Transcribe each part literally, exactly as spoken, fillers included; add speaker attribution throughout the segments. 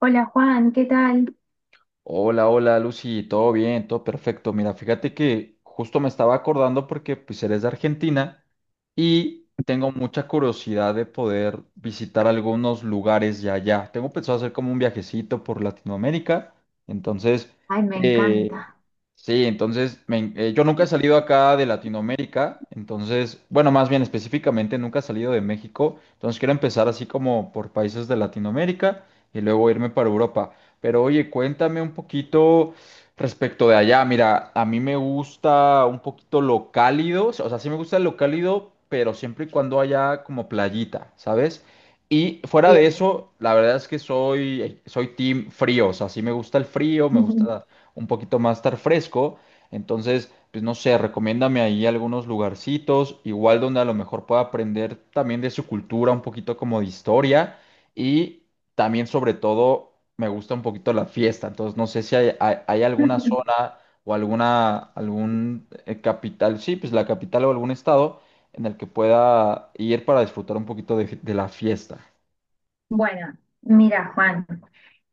Speaker 1: Hola Juan, ¿qué tal?
Speaker 2: Hola, hola Lucy, todo bien, todo perfecto. Mira, fíjate que justo me estaba acordando porque pues eres de Argentina y tengo mucha curiosidad de poder visitar algunos lugares de allá. Tengo pensado hacer como un viajecito por Latinoamérica. Entonces,
Speaker 1: Ay, me
Speaker 2: eh,
Speaker 1: encanta.
Speaker 2: sí, entonces me en- eh, yo nunca he salido acá de Latinoamérica. Entonces, bueno, más bien específicamente nunca he salido de México. Entonces quiero empezar así como por países de Latinoamérica y luego irme para Europa. Pero oye, cuéntame un poquito respecto de allá. Mira, a mí me gusta un poquito lo cálido, o sea, sí me gusta lo cálido, pero siempre y cuando haya como playita, ¿sabes? Y fuera de
Speaker 1: Bien.
Speaker 2: eso, la verdad es que soy, soy team frío, o sea, sí me gusta el frío, me gusta un poquito más estar fresco. Entonces, pues no sé, recomiéndame ahí algunos lugarcitos, igual donde a lo mejor pueda aprender también de su cultura, un poquito como de historia. Y también, sobre todo, me gusta un poquito la fiesta. Entonces, no sé si hay, hay- hay alguna zona o alguna, algún eh, capital, sí, pues la capital o algún estado en el que pueda ir para disfrutar un poquito de, de la fiesta.
Speaker 1: Bueno, mira Juan,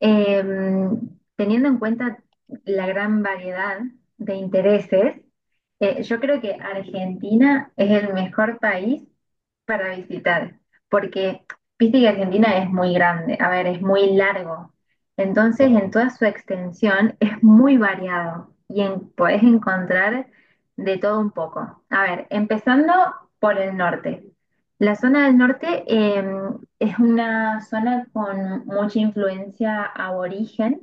Speaker 1: em, teniendo en cuenta la gran variedad de intereses, eh, yo creo que Argentina es el mejor país para visitar, porque viste que Argentina es muy grande, a ver, es muy largo. Entonces, en
Speaker 2: Claro.
Speaker 1: toda su extensión es muy variado y en- podés encontrar de todo un poco. A ver, empezando por el norte. La zona del norte eh, es una zona con mucha influencia aborigen.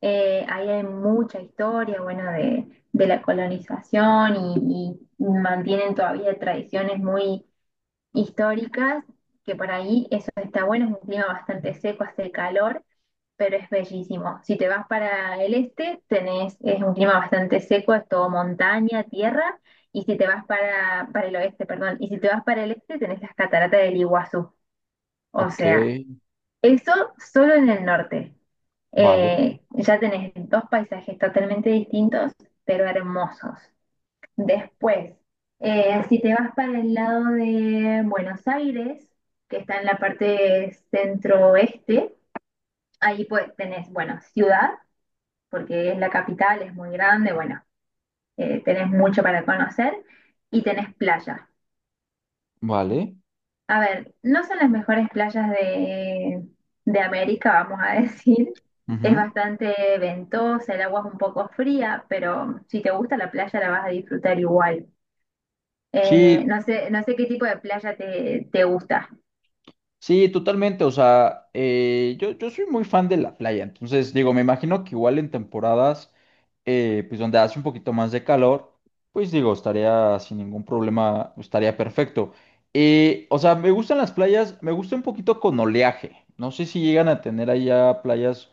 Speaker 1: Eh, ahí hay mucha historia, bueno, de, de la colonización y y mantienen todavía tradiciones muy históricas, que por ahí eso está bueno, es un clima bastante seco, hace calor, pero es bellísimo. Si te vas para el este, tenés, es un clima bastante seco, es todo montaña, tierra, y si te vas para, para el oeste, perdón, y si te vas para el este, tenés las cataratas del Iguazú. O
Speaker 2: Ok,
Speaker 1: sea, eso solo en el norte.
Speaker 2: vale,
Speaker 1: Eh, ya tenés dos paisajes totalmente distintos, pero hermosos. Después, eh, si te vas para el lado de Buenos Aires, que está en la parte centro-oeste, ahí pues tenés, bueno, ciudad, porque es la capital, es muy grande, bueno, eh, tenés mucho para conocer y tenés playa.
Speaker 2: vale.
Speaker 1: A ver, no son las mejores playas de, de América, vamos a decir. Es
Speaker 2: Ujú.
Speaker 1: bastante ventosa, el agua es un poco fría, pero si te gusta la playa la vas a disfrutar igual. Eh,
Speaker 2: Sí,
Speaker 1: no sé, no sé qué tipo de playa te, te gusta.
Speaker 2: sí, totalmente. O sea, eh, yo, yo soy muy fan de la playa. Entonces, digo, me imagino que igual en temporadas, eh, pues donde hace un poquito más de calor, pues digo, estaría sin ningún problema, estaría perfecto. Eh, o sea, me gustan las playas, me gusta un poquito con oleaje. No sé si llegan a tener allá playas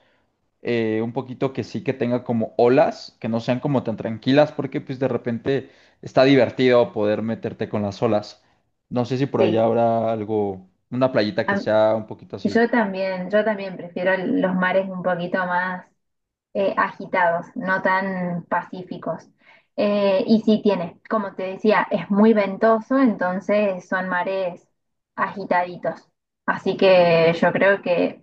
Speaker 2: eh, un poquito que sí que tenga como olas, que no sean como tan tranquilas, porque pues de repente está divertido poder meterte con las olas. No sé si por allá
Speaker 1: Sí,
Speaker 2: habrá algo, una playita
Speaker 1: a
Speaker 2: que
Speaker 1: m-
Speaker 2: sea un poquito así.
Speaker 1: yo también, yo también prefiero el- los mares un poquito más eh, agitados, no tan pacíficos. Eh, y sí tiene, como te decía, es muy ventoso, entonces son mares agitaditos. Así que yo creo que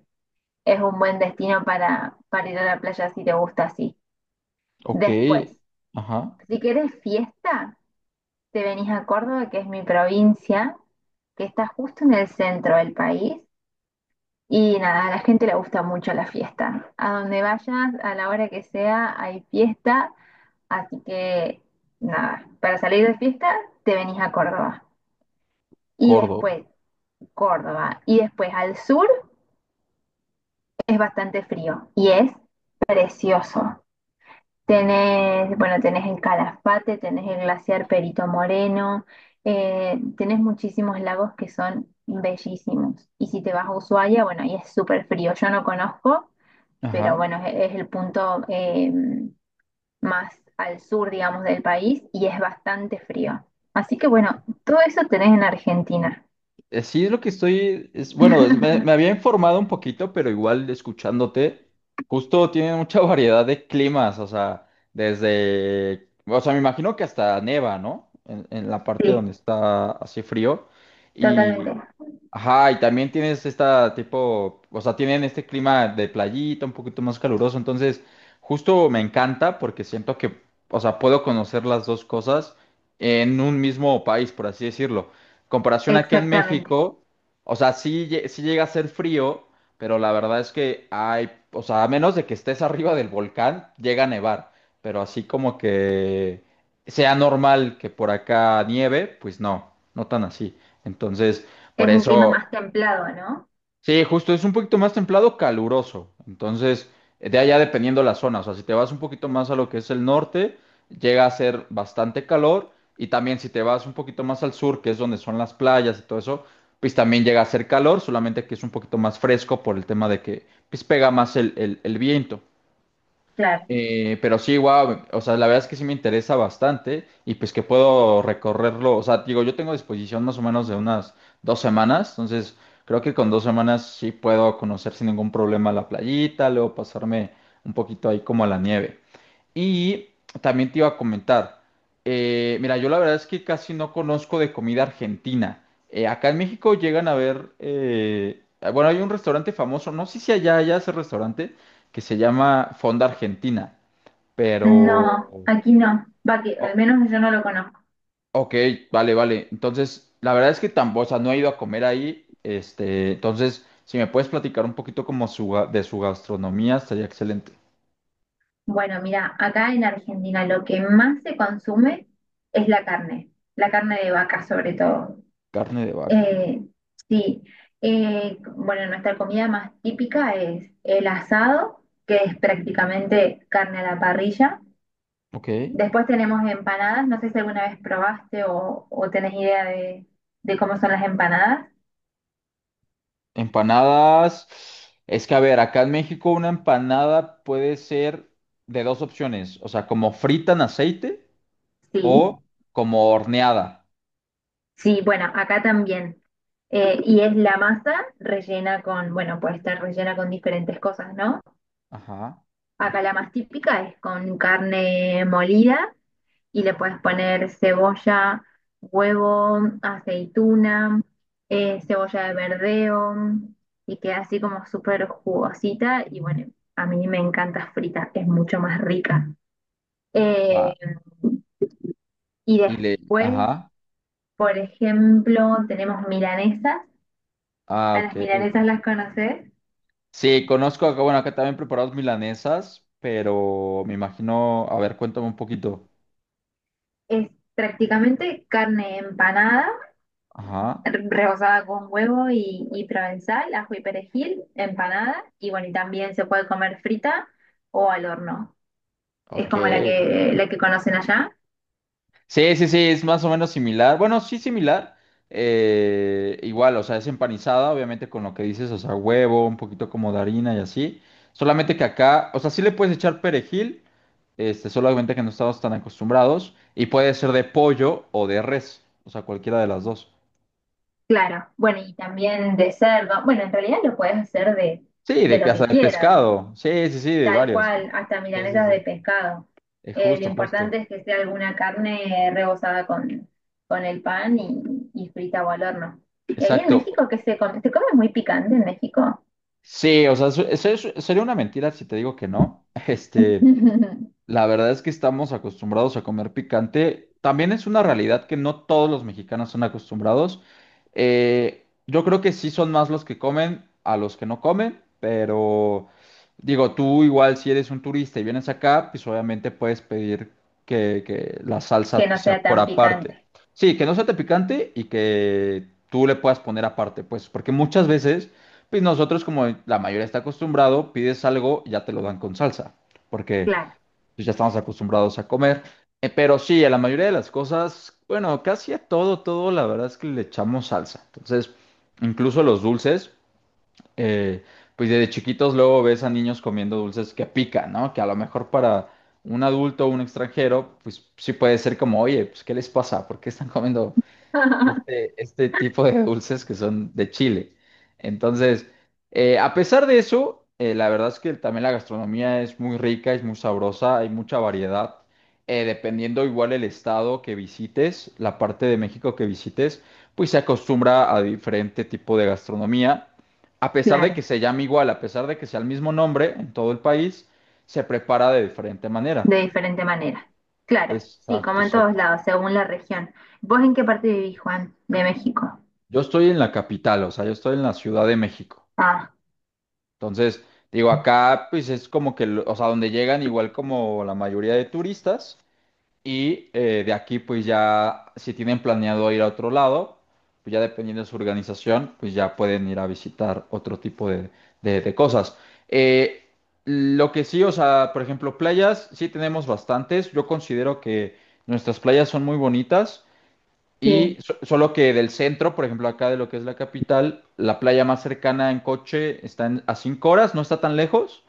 Speaker 1: es un buen destino para, para ir a la playa si te gusta así.
Speaker 2: Ok,
Speaker 1: Después,
Speaker 2: ajá,
Speaker 1: si querés fiesta, te venís a Córdoba, que es mi provincia, que está justo en el centro del país. Y nada, a la gente le gusta mucho la fiesta. A donde vayas, a la hora que sea, hay fiesta. Así que nada, para salir de fiesta, te venís a Córdoba. Y
Speaker 2: Córdoba,
Speaker 1: después, Córdoba. Y después al sur es bastante frío y es precioso. Tenés, bueno, tenés el Calafate, tenés el glaciar Perito Moreno, eh, tenés muchísimos lagos que son bellísimos. Y si te vas a Ushuaia, bueno, ahí es súper frío. Yo no conozco, pero
Speaker 2: ajá.
Speaker 1: bueno, es, es el punto eh, más al sur, digamos, del país y es bastante frío. Así que bueno, todo eso tenés en Argentina.
Speaker 2: Eh, Sí, es lo que estoy, es, bueno, es- me, me había informado un poquito, pero igual escuchándote, justo tiene mucha variedad de climas, o sea, desde, o sea, me imagino que hasta neva, ¿no? En, en la parte
Speaker 1: Sí,
Speaker 2: donde está así frío.
Speaker 1: totalmente,
Speaker 2: Ajá, y también tienes esta tipo, o sea, tienen este clima de playita, un poquito más caluroso, entonces justo me encanta porque siento que, o sea, puedo conocer las dos cosas en un mismo país, por así decirlo. Comparación aquí en
Speaker 1: exactamente.
Speaker 2: México, o sea, sí, lle- sí llega a ser frío, pero la verdad es que hay, o sea, a menos de que estés arriba del volcán, llega a nevar, pero así como que sea normal que por acá nieve, pues no, no tan así. Entonces... Por
Speaker 1: Es un clima
Speaker 2: eso,
Speaker 1: más templado, ¿no?
Speaker 2: sí, justo es un poquito más templado, caluroso. Entonces, de allá dependiendo la zona, o sea, si te vas un poquito más a lo que es el norte, llega a ser bastante calor. Y también si te vas un poquito más al sur, que es donde son las playas y todo eso, pues también llega a ser calor, solamente que es un poquito más fresco por el tema de que pues, pega más el, el el viento.
Speaker 1: Claro.
Speaker 2: Eh, pero sí, wow, o sea, la verdad es que sí me interesa bastante y pues que puedo recorrerlo, o sea, digo, yo tengo disposición más o menos de unas dos semanas, entonces creo que con dos semanas sí puedo conocer sin ningún problema la playita, luego pasarme un poquito ahí como a la nieve. Y también te iba a comentar, eh, mira, yo la verdad es que casi no conozco de comida argentina. Eh, acá en México llegan a ver, eh, bueno, hay un restaurante famoso, no sé si allá, allá ese restaurante que se llama Fonda Argentina.
Speaker 1: No,
Speaker 2: Pero,
Speaker 1: aquí no. Va que al
Speaker 2: o-
Speaker 1: menos yo no lo conozco.
Speaker 2: ok, vale, vale. Entonces, la verdad es que tampoco, o sea, no he ido a comer ahí. Este, entonces, si me puedes platicar un poquito como su, ga- de su gastronomía, estaría excelente.
Speaker 1: Bueno, mira, acá en Argentina lo que más se consume es la carne, la carne de vaca sobre todo.
Speaker 2: Carne de vaca.
Speaker 1: Eh, sí, eh, bueno, nuestra comida más típica es el asado, que es prácticamente carne a la parrilla.
Speaker 2: Ok.
Speaker 1: Después tenemos empanadas, no sé si alguna vez probaste o, o tenés idea de de cómo son las empanadas.
Speaker 2: Empanadas. Es que, a ver, acá en México una empanada puede ser de dos opciones. O sea, como frita en aceite
Speaker 1: Sí.
Speaker 2: o como horneada.
Speaker 1: Sí, bueno, acá también. Eh, y es la masa rellena con, bueno, puede estar rellena con diferentes cosas, ¿no?
Speaker 2: Ajá.
Speaker 1: Acá la más típica es con carne molida y le puedes poner cebolla, huevo, aceituna, eh, cebolla de verdeo y queda así como súper jugosita y bueno, a mí me encanta frita, es mucho más rica. Eh,
Speaker 2: Va.
Speaker 1: y
Speaker 2: Y le.
Speaker 1: después,
Speaker 2: Ajá.
Speaker 1: por ejemplo, tenemos milanesa.
Speaker 2: Ah,
Speaker 1: A las
Speaker 2: ok.
Speaker 1: milanesas las conoces.
Speaker 2: Sí, conozco acá, bueno, acá también preparados milanesas, pero me imagino, a ver, cuéntame un poquito.
Speaker 1: Es prácticamente carne empanada,
Speaker 2: Ajá,
Speaker 1: re- rebozada con huevo y, y provenzal, ajo y perejil, empanada. Y bueno, y también se puede comer frita o al horno. Es
Speaker 2: ok.
Speaker 1: como la que, la que conocen allá.
Speaker 2: Sí, sí, sí, es más o menos similar. Bueno, sí, similar. Eh, igual, o sea, es empanizada, obviamente con lo que dices, o sea, huevo, un poquito como de harina y así. Solamente que acá, o sea, sí le puedes echar perejil, este, solamente que no estamos tan acostumbrados, y puede ser de pollo o de res, o sea, cualquiera de las dos.
Speaker 1: Claro. Bueno, y también de cerdo. Bueno, en realidad lo puedes hacer de,
Speaker 2: Sí,
Speaker 1: de
Speaker 2: de
Speaker 1: lo
Speaker 2: casa
Speaker 1: que
Speaker 2: de
Speaker 1: quieras.
Speaker 2: pescado. Sí, sí, sí, de
Speaker 1: Tal
Speaker 2: varios.
Speaker 1: cual, hasta
Speaker 2: Sí, sí,
Speaker 1: milanesas de
Speaker 2: sí.
Speaker 1: pescado.
Speaker 2: Eh,
Speaker 1: Eh, lo
Speaker 2: justo, justo.
Speaker 1: importante es que sea alguna carne rebozada con, con el pan y, y frita o al horno. ¿Y ahí en
Speaker 2: Exacto.
Speaker 1: México qué se come? ¿Se come muy picante en México?
Speaker 2: Sí, o sea, su- eso es- sería una mentira si te digo que no. Este, la verdad es que estamos acostumbrados a comer picante. También es una realidad que no todos los mexicanos son acostumbrados. Eh, yo creo que sí son más los que comen a los que no comen, pero digo, tú igual si eres un turista y vienes acá, pues obviamente puedes pedir que, que la
Speaker 1: Que
Speaker 2: salsa
Speaker 1: no
Speaker 2: sea
Speaker 1: sea
Speaker 2: por
Speaker 1: tan
Speaker 2: aparte.
Speaker 1: picante.
Speaker 2: Sí, que no sea tan picante y que tú le puedas poner aparte, pues, porque muchas veces, pues nosotros como la mayoría está acostumbrado, pides algo y ya te lo dan con salsa. Porque
Speaker 1: Claro,
Speaker 2: pues ya estamos acostumbrados a comer. Eh, pero sí, a la mayoría de las cosas, bueno, casi a todo, todo, la verdad es que le echamos salsa. Entonces, incluso los dulces, eh, pues desde chiquitos luego ves a niños comiendo dulces que pican, ¿no? Que a lo mejor para un adulto o un extranjero, pues sí puede ser como, oye, pues ¿qué les pasa? ¿Por qué están comiendo este, este tipo de dulces que son de Chile. Entonces, eh, a pesar de eso, eh, la verdad es que también la gastronomía es muy rica, es muy sabrosa, hay mucha variedad. Eh, dependiendo igual el estado que visites, la parte de México que visites, pues se acostumbra a diferente tipo de gastronomía. A pesar de que
Speaker 1: claro,
Speaker 2: se llame igual, a pesar de que sea el mismo nombre en todo el país, se prepara de diferente
Speaker 1: de
Speaker 2: manera.
Speaker 1: diferente manera. Claro, sí,
Speaker 2: Exacto,
Speaker 1: como en todos
Speaker 2: exacto.
Speaker 1: lados, según la región. ¿Vos en qué parte vivís, Juan, de México?
Speaker 2: Yo estoy en la capital, o sea, yo estoy en la Ciudad de México.
Speaker 1: Ah,
Speaker 2: Entonces, digo, acá pues es como que, lo- o sea, donde llegan igual como la mayoría de turistas y eh, de aquí pues ya, si tienen planeado ir a otro lado, pues ya dependiendo de su organización, pues ya pueden ir a visitar otro tipo de, de- de cosas. Eh, lo que sí, o sea, por ejemplo, playas, sí tenemos bastantes. Yo considero que nuestras playas son muy bonitas. Y
Speaker 1: sí,
Speaker 2: so- solo que del centro, por ejemplo, acá de lo que es la capital, la playa más cercana en coche está en- a cinco horas, no está tan lejos.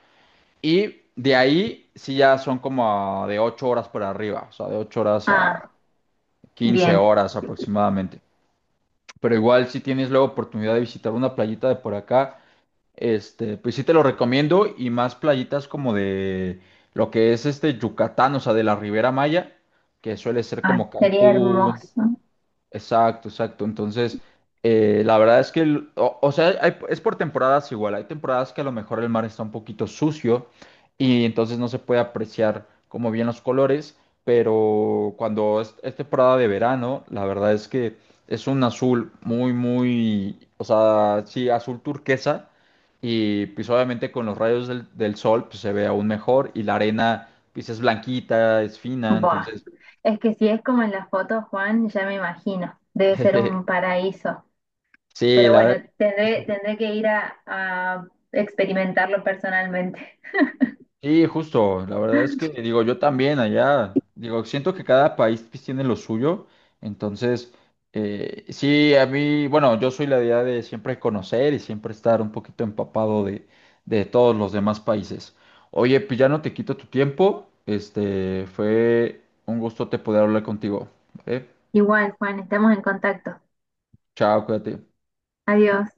Speaker 2: Y de ahí sí ya son como a- de ocho horas para arriba, o sea, de ocho horas a
Speaker 1: ah,
Speaker 2: quince
Speaker 1: bien.
Speaker 2: horas aproximadamente. Pero igual si tienes la oportunidad de visitar una playita de por acá, este, pues sí te lo recomiendo y más playitas como de lo que es este Yucatán, o sea, de la Ribera Maya, que suele ser
Speaker 1: Ay,
Speaker 2: como
Speaker 1: sería
Speaker 2: Cancún.
Speaker 1: hermoso.
Speaker 2: Exacto, exacto. Entonces, eh, la verdad es que, el- o, o sea, hay- es por temporadas igual. Hay temporadas que a lo mejor el mar está un poquito sucio y entonces no se puede apreciar como bien los colores, pero cuando es, es temporada de verano, la verdad es que es un azul muy, muy, o sea, sí, azul turquesa y pues obviamente con los rayos del, del sol pues, se ve aún mejor y la arena pues es blanquita, es fina,
Speaker 1: Buah,
Speaker 2: entonces,
Speaker 1: es que si es como en la foto, Juan, ya me imagino, debe ser un paraíso.
Speaker 2: sí,
Speaker 1: Pero
Speaker 2: la
Speaker 1: bueno,
Speaker 2: verdad.
Speaker 1: tendré, tendré que ir a, a experimentarlo personalmente.
Speaker 2: Sí, justo. La verdad es que digo, yo también allá, digo, siento que cada país pues, tiene lo suyo. Entonces, eh, sí, a mí, bueno, yo soy la idea de siempre conocer y siempre estar un poquito empapado de, de todos los demás países. Oye, pues ya no te quito tu tiempo. Este, fue un gusto te poder hablar contigo. ¿Vale?
Speaker 1: Igual, Juan, estamos en contacto.
Speaker 2: Chao, cuídate.
Speaker 1: Adiós.